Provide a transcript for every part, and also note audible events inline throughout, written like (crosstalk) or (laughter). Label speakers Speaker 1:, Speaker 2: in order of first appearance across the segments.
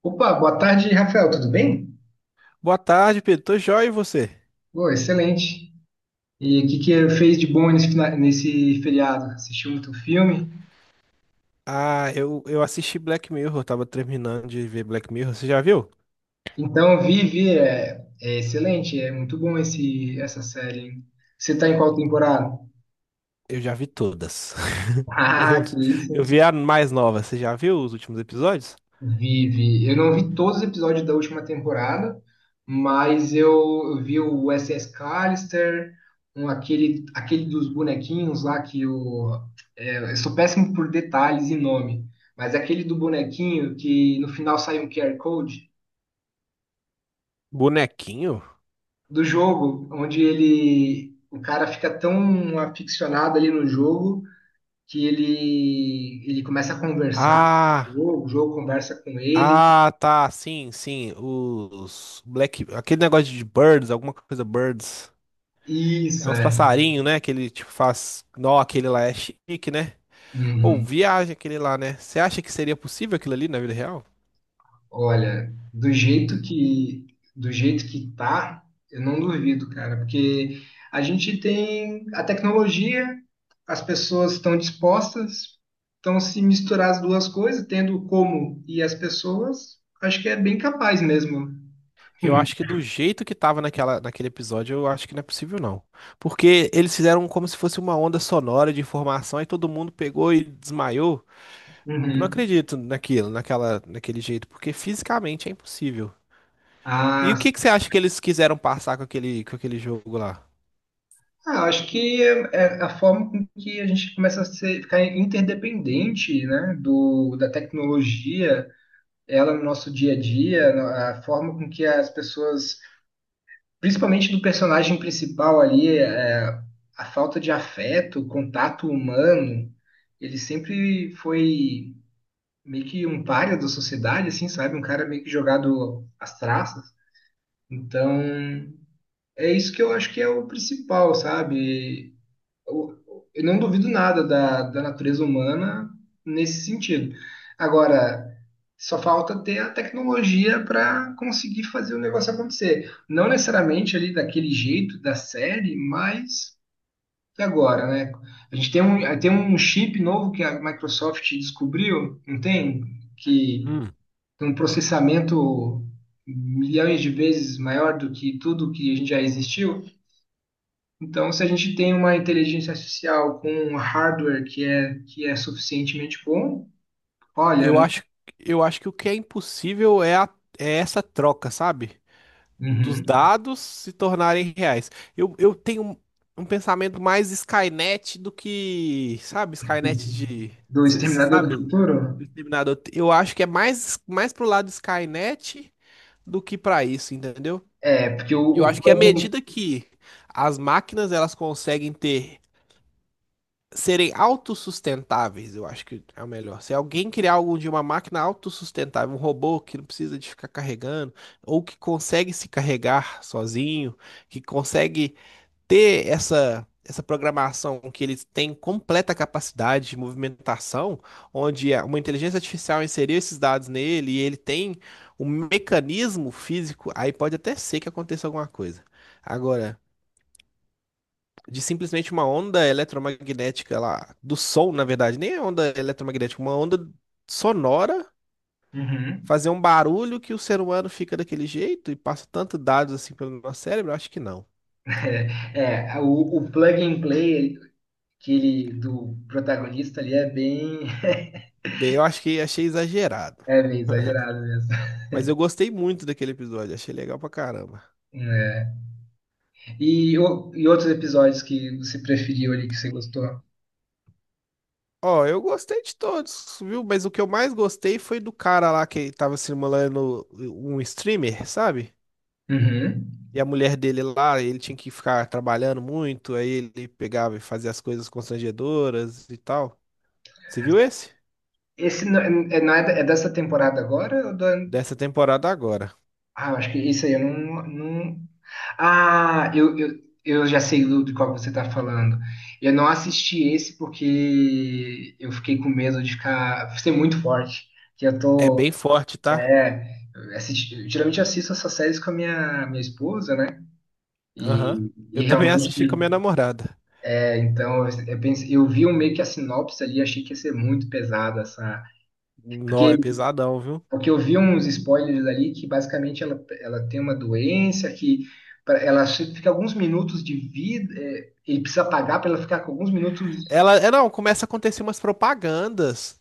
Speaker 1: Opa, boa tarde, Rafael, tudo bem?
Speaker 2: Boa tarde, Pedro. Tô joia e você?
Speaker 1: Pô, excelente. E o que que fez de bom nesse feriado? Assistiu muito filme?
Speaker 2: Ah, eu assisti Black Mirror, eu tava terminando de ver Black Mirror. Você já viu?
Speaker 1: Então, é excelente, é muito bom essa série, hein? Você tá em qual temporada? (laughs)
Speaker 2: Eu já vi todas. (laughs) Eu,
Speaker 1: Ah, que
Speaker 2: eu
Speaker 1: isso,
Speaker 2: vi a mais nova. Você já viu os últimos episódios?
Speaker 1: vive. Eu não vi todos os episódios da última temporada, mas eu vi o SS Callister, aquele dos bonequinhos lá que o. É, eu sou péssimo por detalhes e nome, mas aquele do bonequinho que no final sai um QR Code
Speaker 2: Bonequinho?
Speaker 1: do jogo, onde ele. O cara fica tão aficionado ali no jogo que ele começa a conversar com
Speaker 2: Ah,
Speaker 1: o jogo conversa com ele.
Speaker 2: ah, tá. Sim, sim. Os Black. Aquele negócio de birds, alguma coisa birds. É
Speaker 1: Isso,
Speaker 2: uns
Speaker 1: é.
Speaker 2: passarinhos, né? Que ele tipo faz. Não, aquele lá é chique, né? Ou
Speaker 1: Uhum.
Speaker 2: viagem aquele lá, né? Você acha que seria possível aquilo ali na vida real?
Speaker 1: Olha, do jeito que tá, eu não duvido, cara, porque a gente tem a tecnologia, as pessoas estão dispostas, então se misturar as duas coisas, tendo o como e as pessoas, acho que é bem capaz mesmo.
Speaker 2: Eu acho que do jeito que tava naquele episódio, eu acho que não é possível, não. Porque eles fizeram como se fosse uma onda sonora de informação e todo mundo pegou e desmaiou. Eu não
Speaker 1: Uhum.
Speaker 2: acredito naquilo, naquele jeito, porque fisicamente é impossível. E
Speaker 1: Ah,
Speaker 2: o
Speaker 1: s-
Speaker 2: que que você acha que eles quiseram passar com com aquele jogo lá?
Speaker 1: ah, acho que é a forma com que a gente ficar interdependente, né, da tecnologia, ela no nosso dia a dia, a forma com que as pessoas principalmente do personagem principal ali, é, a falta de afeto, o contato humano, ele sempre foi meio que um pária da sociedade, assim, sabe? Um cara meio que jogado às traças. Então, é isso que eu acho que é o principal, sabe? Eu eu não duvido nada da natureza humana nesse sentido. Agora, só falta ter a tecnologia para conseguir fazer o negócio acontecer. Não necessariamente ali daquele jeito da série, mas e agora, né? A gente tem tem um chip novo que a Microsoft descobriu, não tem? Que
Speaker 2: Hum.
Speaker 1: tem um processamento milhões de vezes maior do que tudo que a gente já existiu. Então, se a gente tem uma inteligência artificial com um hardware que é suficientemente bom, olha,
Speaker 2: Eu
Speaker 1: não.
Speaker 2: acho, eu acho que o que é impossível é, é essa troca, sabe? Dos
Speaker 1: Uhum.
Speaker 2: dados se tornarem reais. Eu tenho um pensamento mais Skynet do que, sabe, Skynet
Speaker 1: Uhum.
Speaker 2: de,
Speaker 1: Do
Speaker 2: cê
Speaker 1: Exterminador do
Speaker 2: sabe, do
Speaker 1: Futuro?
Speaker 2: Exterminador. Eu acho que é mais pro lado Skynet do que para isso, entendeu?
Speaker 1: É, porque
Speaker 2: Eu
Speaker 1: o
Speaker 2: acho que à
Speaker 1: plugin.
Speaker 2: medida que as máquinas elas conseguem ter serem autossustentáveis, eu acho que é o melhor. Se alguém criar algo de uma máquina autossustentável, um robô que não precisa de ficar carregando, ou que consegue se carregar sozinho, que consegue ter essa programação que ele tem completa capacidade de movimentação, onde uma inteligência artificial inseriu esses dados nele e ele tem um mecanismo físico, aí pode até ser que aconteça alguma coisa. Agora, de simplesmente uma onda eletromagnética lá, do som, na verdade, nem é onda eletromagnética, uma onda sonora,
Speaker 1: Uhum.
Speaker 2: fazer um barulho que o ser humano fica daquele jeito e passa tanto dados assim pelo nosso cérebro? Eu acho que não.
Speaker 1: É, é, o plug and play que ele, do protagonista ali é bem, (laughs)
Speaker 2: Bem, eu acho que achei exagerado.
Speaker 1: é bem exagerado mesmo.
Speaker 2: Mas eu gostei muito daquele episódio, achei legal pra caramba.
Speaker 1: É. E, o- e outros episódios que você preferiu ali, que você gostou?
Speaker 2: Ó, eu gostei de todos, viu? Mas o que eu mais gostei foi do cara lá que tava simulando um streamer, sabe?
Speaker 1: Uhum.
Speaker 2: E a mulher dele lá, ele tinha que ficar trabalhando muito, aí ele pegava e fazia as coisas constrangedoras e tal. Você viu esse?
Speaker 1: Esse não, não é, é dessa temporada agora ou do
Speaker 2: Dessa temporada agora.
Speaker 1: ah, eu acho que isso aí eu não, não... Ah, eu já sei de qual você tá falando. Eu não assisti esse porque eu fiquei com medo de ficar ser muito forte. Que eu
Speaker 2: É
Speaker 1: tô.
Speaker 2: bem forte, tá?
Speaker 1: É, geralmente eu assisto essas séries com minha esposa, né?
Speaker 2: Aham.
Speaker 1: E
Speaker 2: Eu também assisti com a minha
Speaker 1: realmente,
Speaker 2: namorada.
Speaker 1: é, então, eu pensei, eu vi um meio que a sinopse ali, achei que ia ser muito pesada essa.
Speaker 2: Nó,
Speaker 1: Porque
Speaker 2: é pesadão, viu?
Speaker 1: Porque eu vi uns spoilers ali que basicamente ela tem uma doença que fica alguns minutos de vida, é, ele precisa pagar para ela ficar com alguns minutos.
Speaker 2: Ela, é, não, começa a acontecer umas propagandas.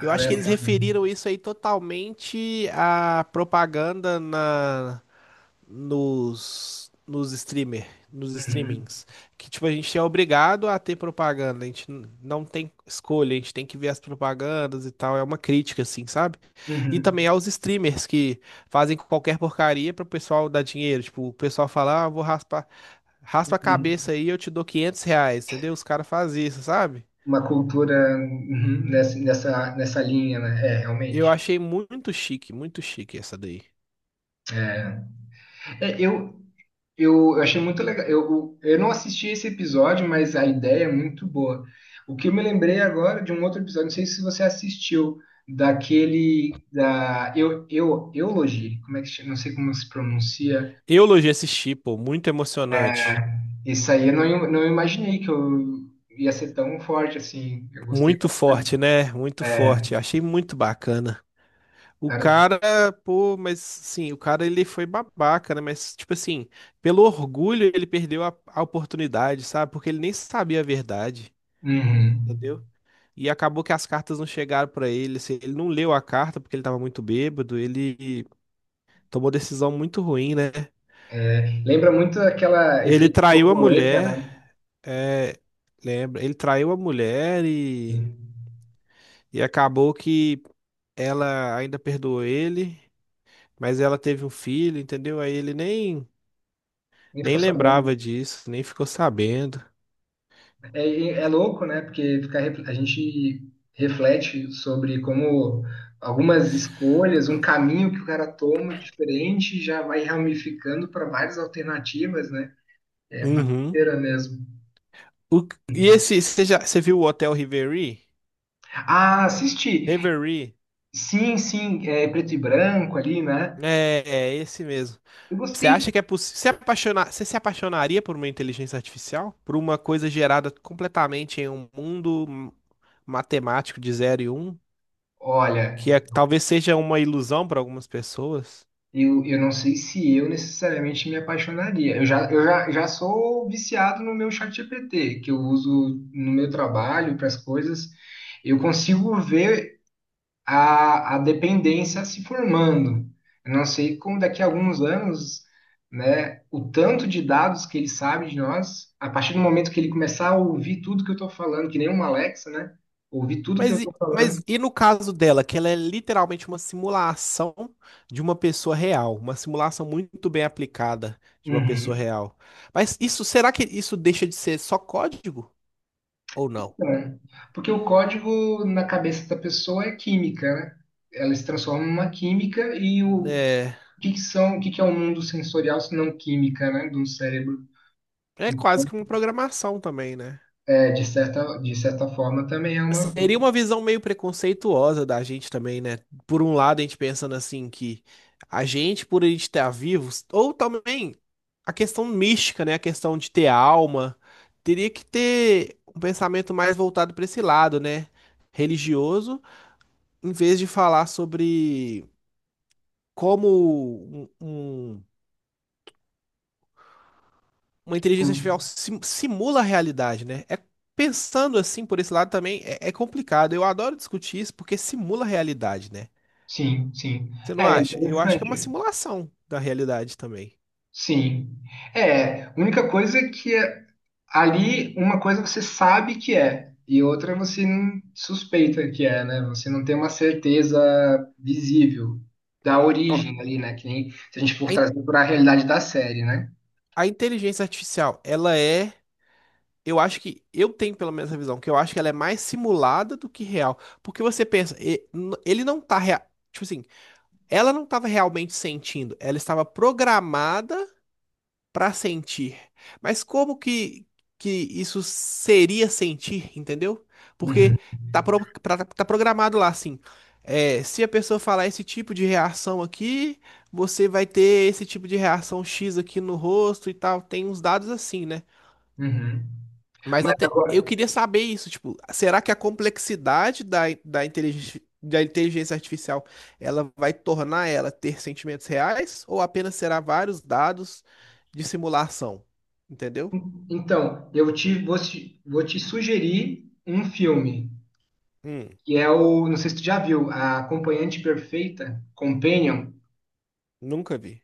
Speaker 2: Eu acho
Speaker 1: né,
Speaker 2: que eles
Speaker 1: paga.
Speaker 2: referiram isso aí totalmente à propaganda na nos, nos streamer, nos
Speaker 1: Uhum,
Speaker 2: streamings. Que, tipo, a gente é obrigado a ter propaganda, a gente não tem escolha, a gente tem que ver as propagandas e tal. É uma crítica, assim, sabe? E
Speaker 1: uhum,
Speaker 2: também aos streamers que fazem qualquer porcaria pro pessoal dar dinheiro. Tipo, o pessoal fala, ah, eu vou raspar, raspa a
Speaker 1: uhum.
Speaker 2: cabeça aí, eu te dou 500 reais, entendeu? Os caras fazem isso, sabe?
Speaker 1: Uma cultura uhum, nessa linha, né? É,
Speaker 2: Eu
Speaker 1: realmente.
Speaker 2: achei muito chique essa daí.
Speaker 1: É, eu, eu achei muito legal. Eu, eu não assisti esse episódio, mas a ideia é muito boa. O que eu me lembrei agora de um outro episódio, não sei se você assistiu, daquele Eulogy, como é que chama? Não sei como se pronuncia.
Speaker 2: Eu elogiei esse tipo, muito emocionante.
Speaker 1: Esse aí eu não, im- não imaginei que eu ia ser tão forte assim. Eu gostei
Speaker 2: Muito
Speaker 1: bastante.
Speaker 2: forte, né? Muito
Speaker 1: É,
Speaker 2: forte. Achei muito bacana. O
Speaker 1: cara,
Speaker 2: cara, pô, mas sim, o cara ele foi babaca, né? Mas, tipo assim, pelo orgulho ele perdeu a oportunidade, sabe? Porque ele nem sabia a verdade,
Speaker 1: uhum.
Speaker 2: entendeu? E acabou que as cartas não chegaram pra ele. Assim, ele não leu a carta porque ele tava muito bêbado. Ele tomou decisão muito ruim, né?
Speaker 1: É, lembra muito aquela
Speaker 2: Ele
Speaker 1: efeito
Speaker 2: traiu a
Speaker 1: borboleta,
Speaker 2: mulher,
Speaker 1: né?
Speaker 2: é, lembra? Ele traiu a mulher
Speaker 1: Sim.
Speaker 2: e acabou que ela ainda perdoou ele. Mas ela teve um filho, entendeu? Aí ele nem,
Speaker 1: Nem
Speaker 2: nem
Speaker 1: ficou sabendo.
Speaker 2: lembrava disso, nem ficou sabendo.
Speaker 1: É, é louco, né? Porque fica, a gente reflete sobre como algumas escolhas, um caminho que o cara toma diferente já vai ramificando para várias alternativas, né? É uma
Speaker 2: Uhum.
Speaker 1: doideira mesmo.
Speaker 2: O- e esse, você já, você viu o Hotel Reverie?
Speaker 1: Ah, assisti!
Speaker 2: Reverie?
Speaker 1: Sim, sim, é preto e branco ali, né?
Speaker 2: É, é esse mesmo.
Speaker 1: Eu
Speaker 2: Você
Speaker 1: gostei.
Speaker 2: acha que é possível? Se apaixonar, você se apaixonaria por uma inteligência artificial? Por uma coisa gerada completamente em um mundo matemático de zero e um, que
Speaker 1: Olha,
Speaker 2: é- talvez seja uma ilusão para algumas pessoas?
Speaker 1: eu não sei se eu necessariamente me apaixonaria. Já sou viciado no meu chat GPT que eu uso no meu trabalho, para as coisas. Eu consigo ver a dependência se formando. Eu não sei como daqui a alguns anos, né, o tanto de dados que ele sabe de nós, a partir do momento que ele começar a ouvir tudo que eu estou falando, que nem uma Alexa, né? Ouvir tudo que eu
Speaker 2: Mas,
Speaker 1: estou
Speaker 2: mas
Speaker 1: falando.
Speaker 2: e no caso dela, que ela é literalmente uma simulação de uma pessoa real, uma simulação muito bem aplicada de uma pessoa
Speaker 1: Uhum.
Speaker 2: real. Mas isso, será que isso deixa de ser só código ou não?
Speaker 1: É. Porque o código na cabeça da pessoa é química, né? Ela se transforma numa química e o
Speaker 2: É,
Speaker 1: o que que são, o que que é o mundo sensorial se não química, né, do cérebro?
Speaker 2: é quase
Speaker 1: Então,
Speaker 2: que uma programação também, né?
Speaker 1: é, de certa forma também é uma.
Speaker 2: Seria uma visão meio preconceituosa da gente também, né? Por um lado, a gente pensando assim que a gente, por a gente estar vivos, ou também a questão mística, né? A questão de ter alma, teria que ter um pensamento mais voltado para esse lado, né? Religioso, em vez de falar sobre como um- uma inteligência artificial simula a realidade, né? Pensando assim por esse lado também é complicado. Eu adoro discutir isso porque simula a realidade, né?
Speaker 1: Sim, sim.
Speaker 2: Você não
Speaker 1: É
Speaker 2: acha? Eu acho que é uma
Speaker 1: interessante.
Speaker 2: simulação da realidade também.
Speaker 1: Sim. É, a única coisa é que ali uma coisa você sabe que é e outra você não suspeita que é, né? Você não tem uma certeza visível da
Speaker 2: Ó,
Speaker 1: origem ali, né? Que nem se a gente for
Speaker 2: A, in-
Speaker 1: trazer para a realidade da série, né?
Speaker 2: a inteligência artificial, ela é. Eu acho que. Eu tenho pelo menos essa visão, que eu acho que ela é mais simulada do que real. Porque você pensa, ele não tá. Tipo assim, ela não estava realmente sentindo, ela estava programada para sentir. Mas que isso seria sentir, entendeu?
Speaker 1: Uhum,
Speaker 2: Porque tá, tá programado lá assim. É, se a pessoa falar esse tipo de reação aqui, você vai ter esse tipo de reação X aqui no rosto e tal. Tem uns dados assim, né?
Speaker 1: uhum.
Speaker 2: Mas
Speaker 1: Mas
Speaker 2: até eu
Speaker 1: agora,
Speaker 2: queria saber isso, tipo, será que a complexidade da inteligência artificial ela vai tornar ela ter sentimentos reais ou apenas será vários dados de simulação? Entendeu?
Speaker 1: então, eu te vou, te vou te sugerir um filme
Speaker 2: Hum,
Speaker 1: que é o, não sei se tu já viu, a Acompanhante Perfeita, Companion.
Speaker 2: nunca vi.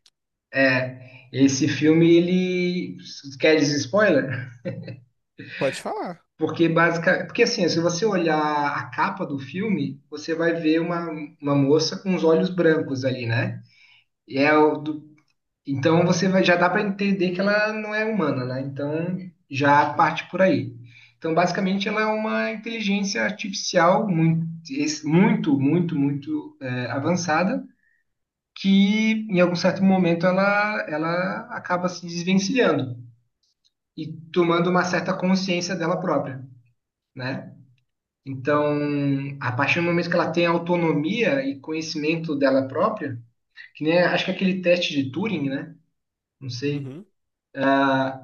Speaker 1: É, esse filme, ele quer dizer spoiler?
Speaker 2: Pode falar.
Speaker 1: Porque basicamente, porque assim, se você olhar a capa do filme, você vai ver uma moça com os olhos brancos ali, né? E é então você vai, já dá para entender que ela não é humana, né? Então já parte por aí. Então basicamente ela é uma inteligência artificial muito, es- muito, muito, muito é, avançada que em algum certo momento ela acaba se desvencilhando e tomando uma certa consciência dela própria, né? Então, a partir do momento que ela tem autonomia e conhecimento dela própria, que nem acho que é aquele teste de Turing, né? Não sei.
Speaker 2: Uhum.
Speaker 1: Ah,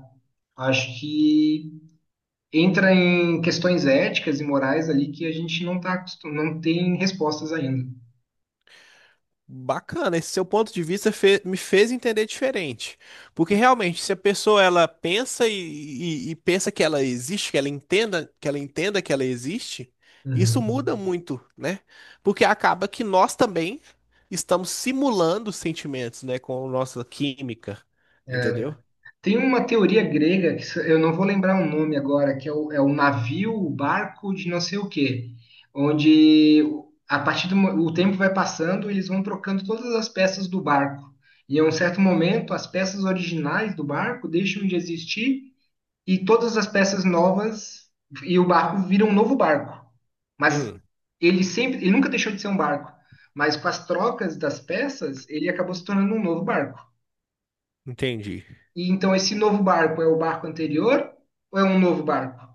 Speaker 1: acho que entra em questões éticas e morais ali que a gente não tem respostas ainda.
Speaker 2: Bacana, esse seu ponto de vista me fez entender diferente. Porque realmente, se a pessoa ela pensa e, e pensa que ela existe, que ela entenda que ela existe, isso
Speaker 1: Uhum.
Speaker 2: muda muito, né? Porque acaba que nós também estamos simulando sentimentos, né, com a nossa química,
Speaker 1: É,
Speaker 2: entendeu?
Speaker 1: tem uma teoria grega, que se- eu não vou lembrar o nome agora, que é é o navio, o barco de não sei o quê, onde a partir o tempo vai passando, eles vão trocando todas as peças do barco. E a um certo momento, as peças originais do barco deixam de existir e todas as peças novas e o barco vira um novo barco. Mas
Speaker 2: Hum,
Speaker 1: ele nunca deixou de ser um barco, mas com as trocas das peças, ele acabou se tornando um novo barco.
Speaker 2: entendi.
Speaker 1: E então esse novo barco é o barco anterior ou é um novo barco?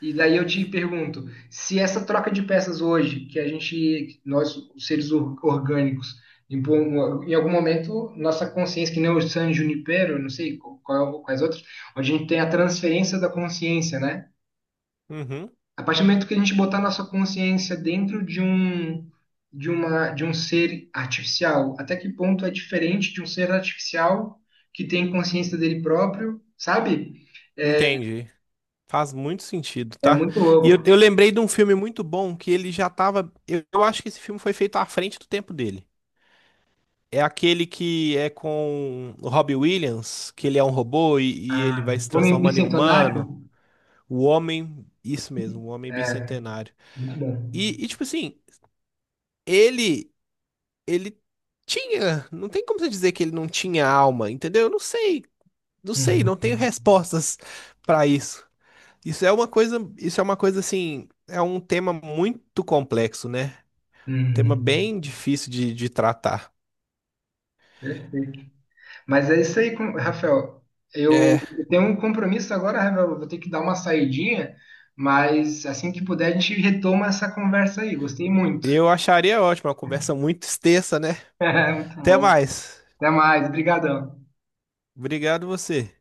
Speaker 1: E daí eu te pergunto, se essa troca de peças hoje, que a gente, nós, os seres orgânicos, em algum momento, nossa consciência, que nem o San Junipero, não sei quais outros, onde a gente tem a transferência da consciência, né?
Speaker 2: Uhum,
Speaker 1: A partir do momento que a gente botar nossa consciência dentro de um ser artificial, até que ponto é diferente de um ser artificial que tem consciência dele próprio, sabe?
Speaker 2: entendi. Faz muito sentido,
Speaker 1: É
Speaker 2: tá?
Speaker 1: muito
Speaker 2: E eu,
Speaker 1: louco.
Speaker 2: eu lembrei de um filme muito bom que ele já tava. Eu acho que esse filme foi feito à frente do tempo dele. É aquele que é com o Robbie Williams, que ele é um robô e ele
Speaker 1: Ah,
Speaker 2: vai se
Speaker 1: Homem
Speaker 2: transformando em humano.
Speaker 1: Bicentenário?
Speaker 2: O homem, isso mesmo, o homem
Speaker 1: É,
Speaker 2: bicentenário.
Speaker 1: muito bom.
Speaker 2: E, tipo assim, ele, ele tinha, não tem como você dizer que ele não tinha alma, entendeu? Eu não sei, não sei,
Speaker 1: Uhum,
Speaker 2: não tenho respostas (laughs) pra isso. Isso é uma coisa, isso é uma coisa assim, é um tema muito complexo, né? Um tema
Speaker 1: uhum.
Speaker 2: bem difícil de tratar.
Speaker 1: Perfeito. Mas é isso aí, com- Rafael. Eu
Speaker 2: É,
Speaker 1: eu tenho um compromisso agora, Rafael. Eu vou ter que dar uma saidinha, mas assim que puder, a gente retoma essa conversa aí. Gostei muito.
Speaker 2: eu acharia ótimo, uma conversa muito (laughs) extensa, né?
Speaker 1: (laughs) Muito
Speaker 2: Até
Speaker 1: bom.
Speaker 2: mais.
Speaker 1: Até mais. Obrigadão.
Speaker 2: Obrigado você.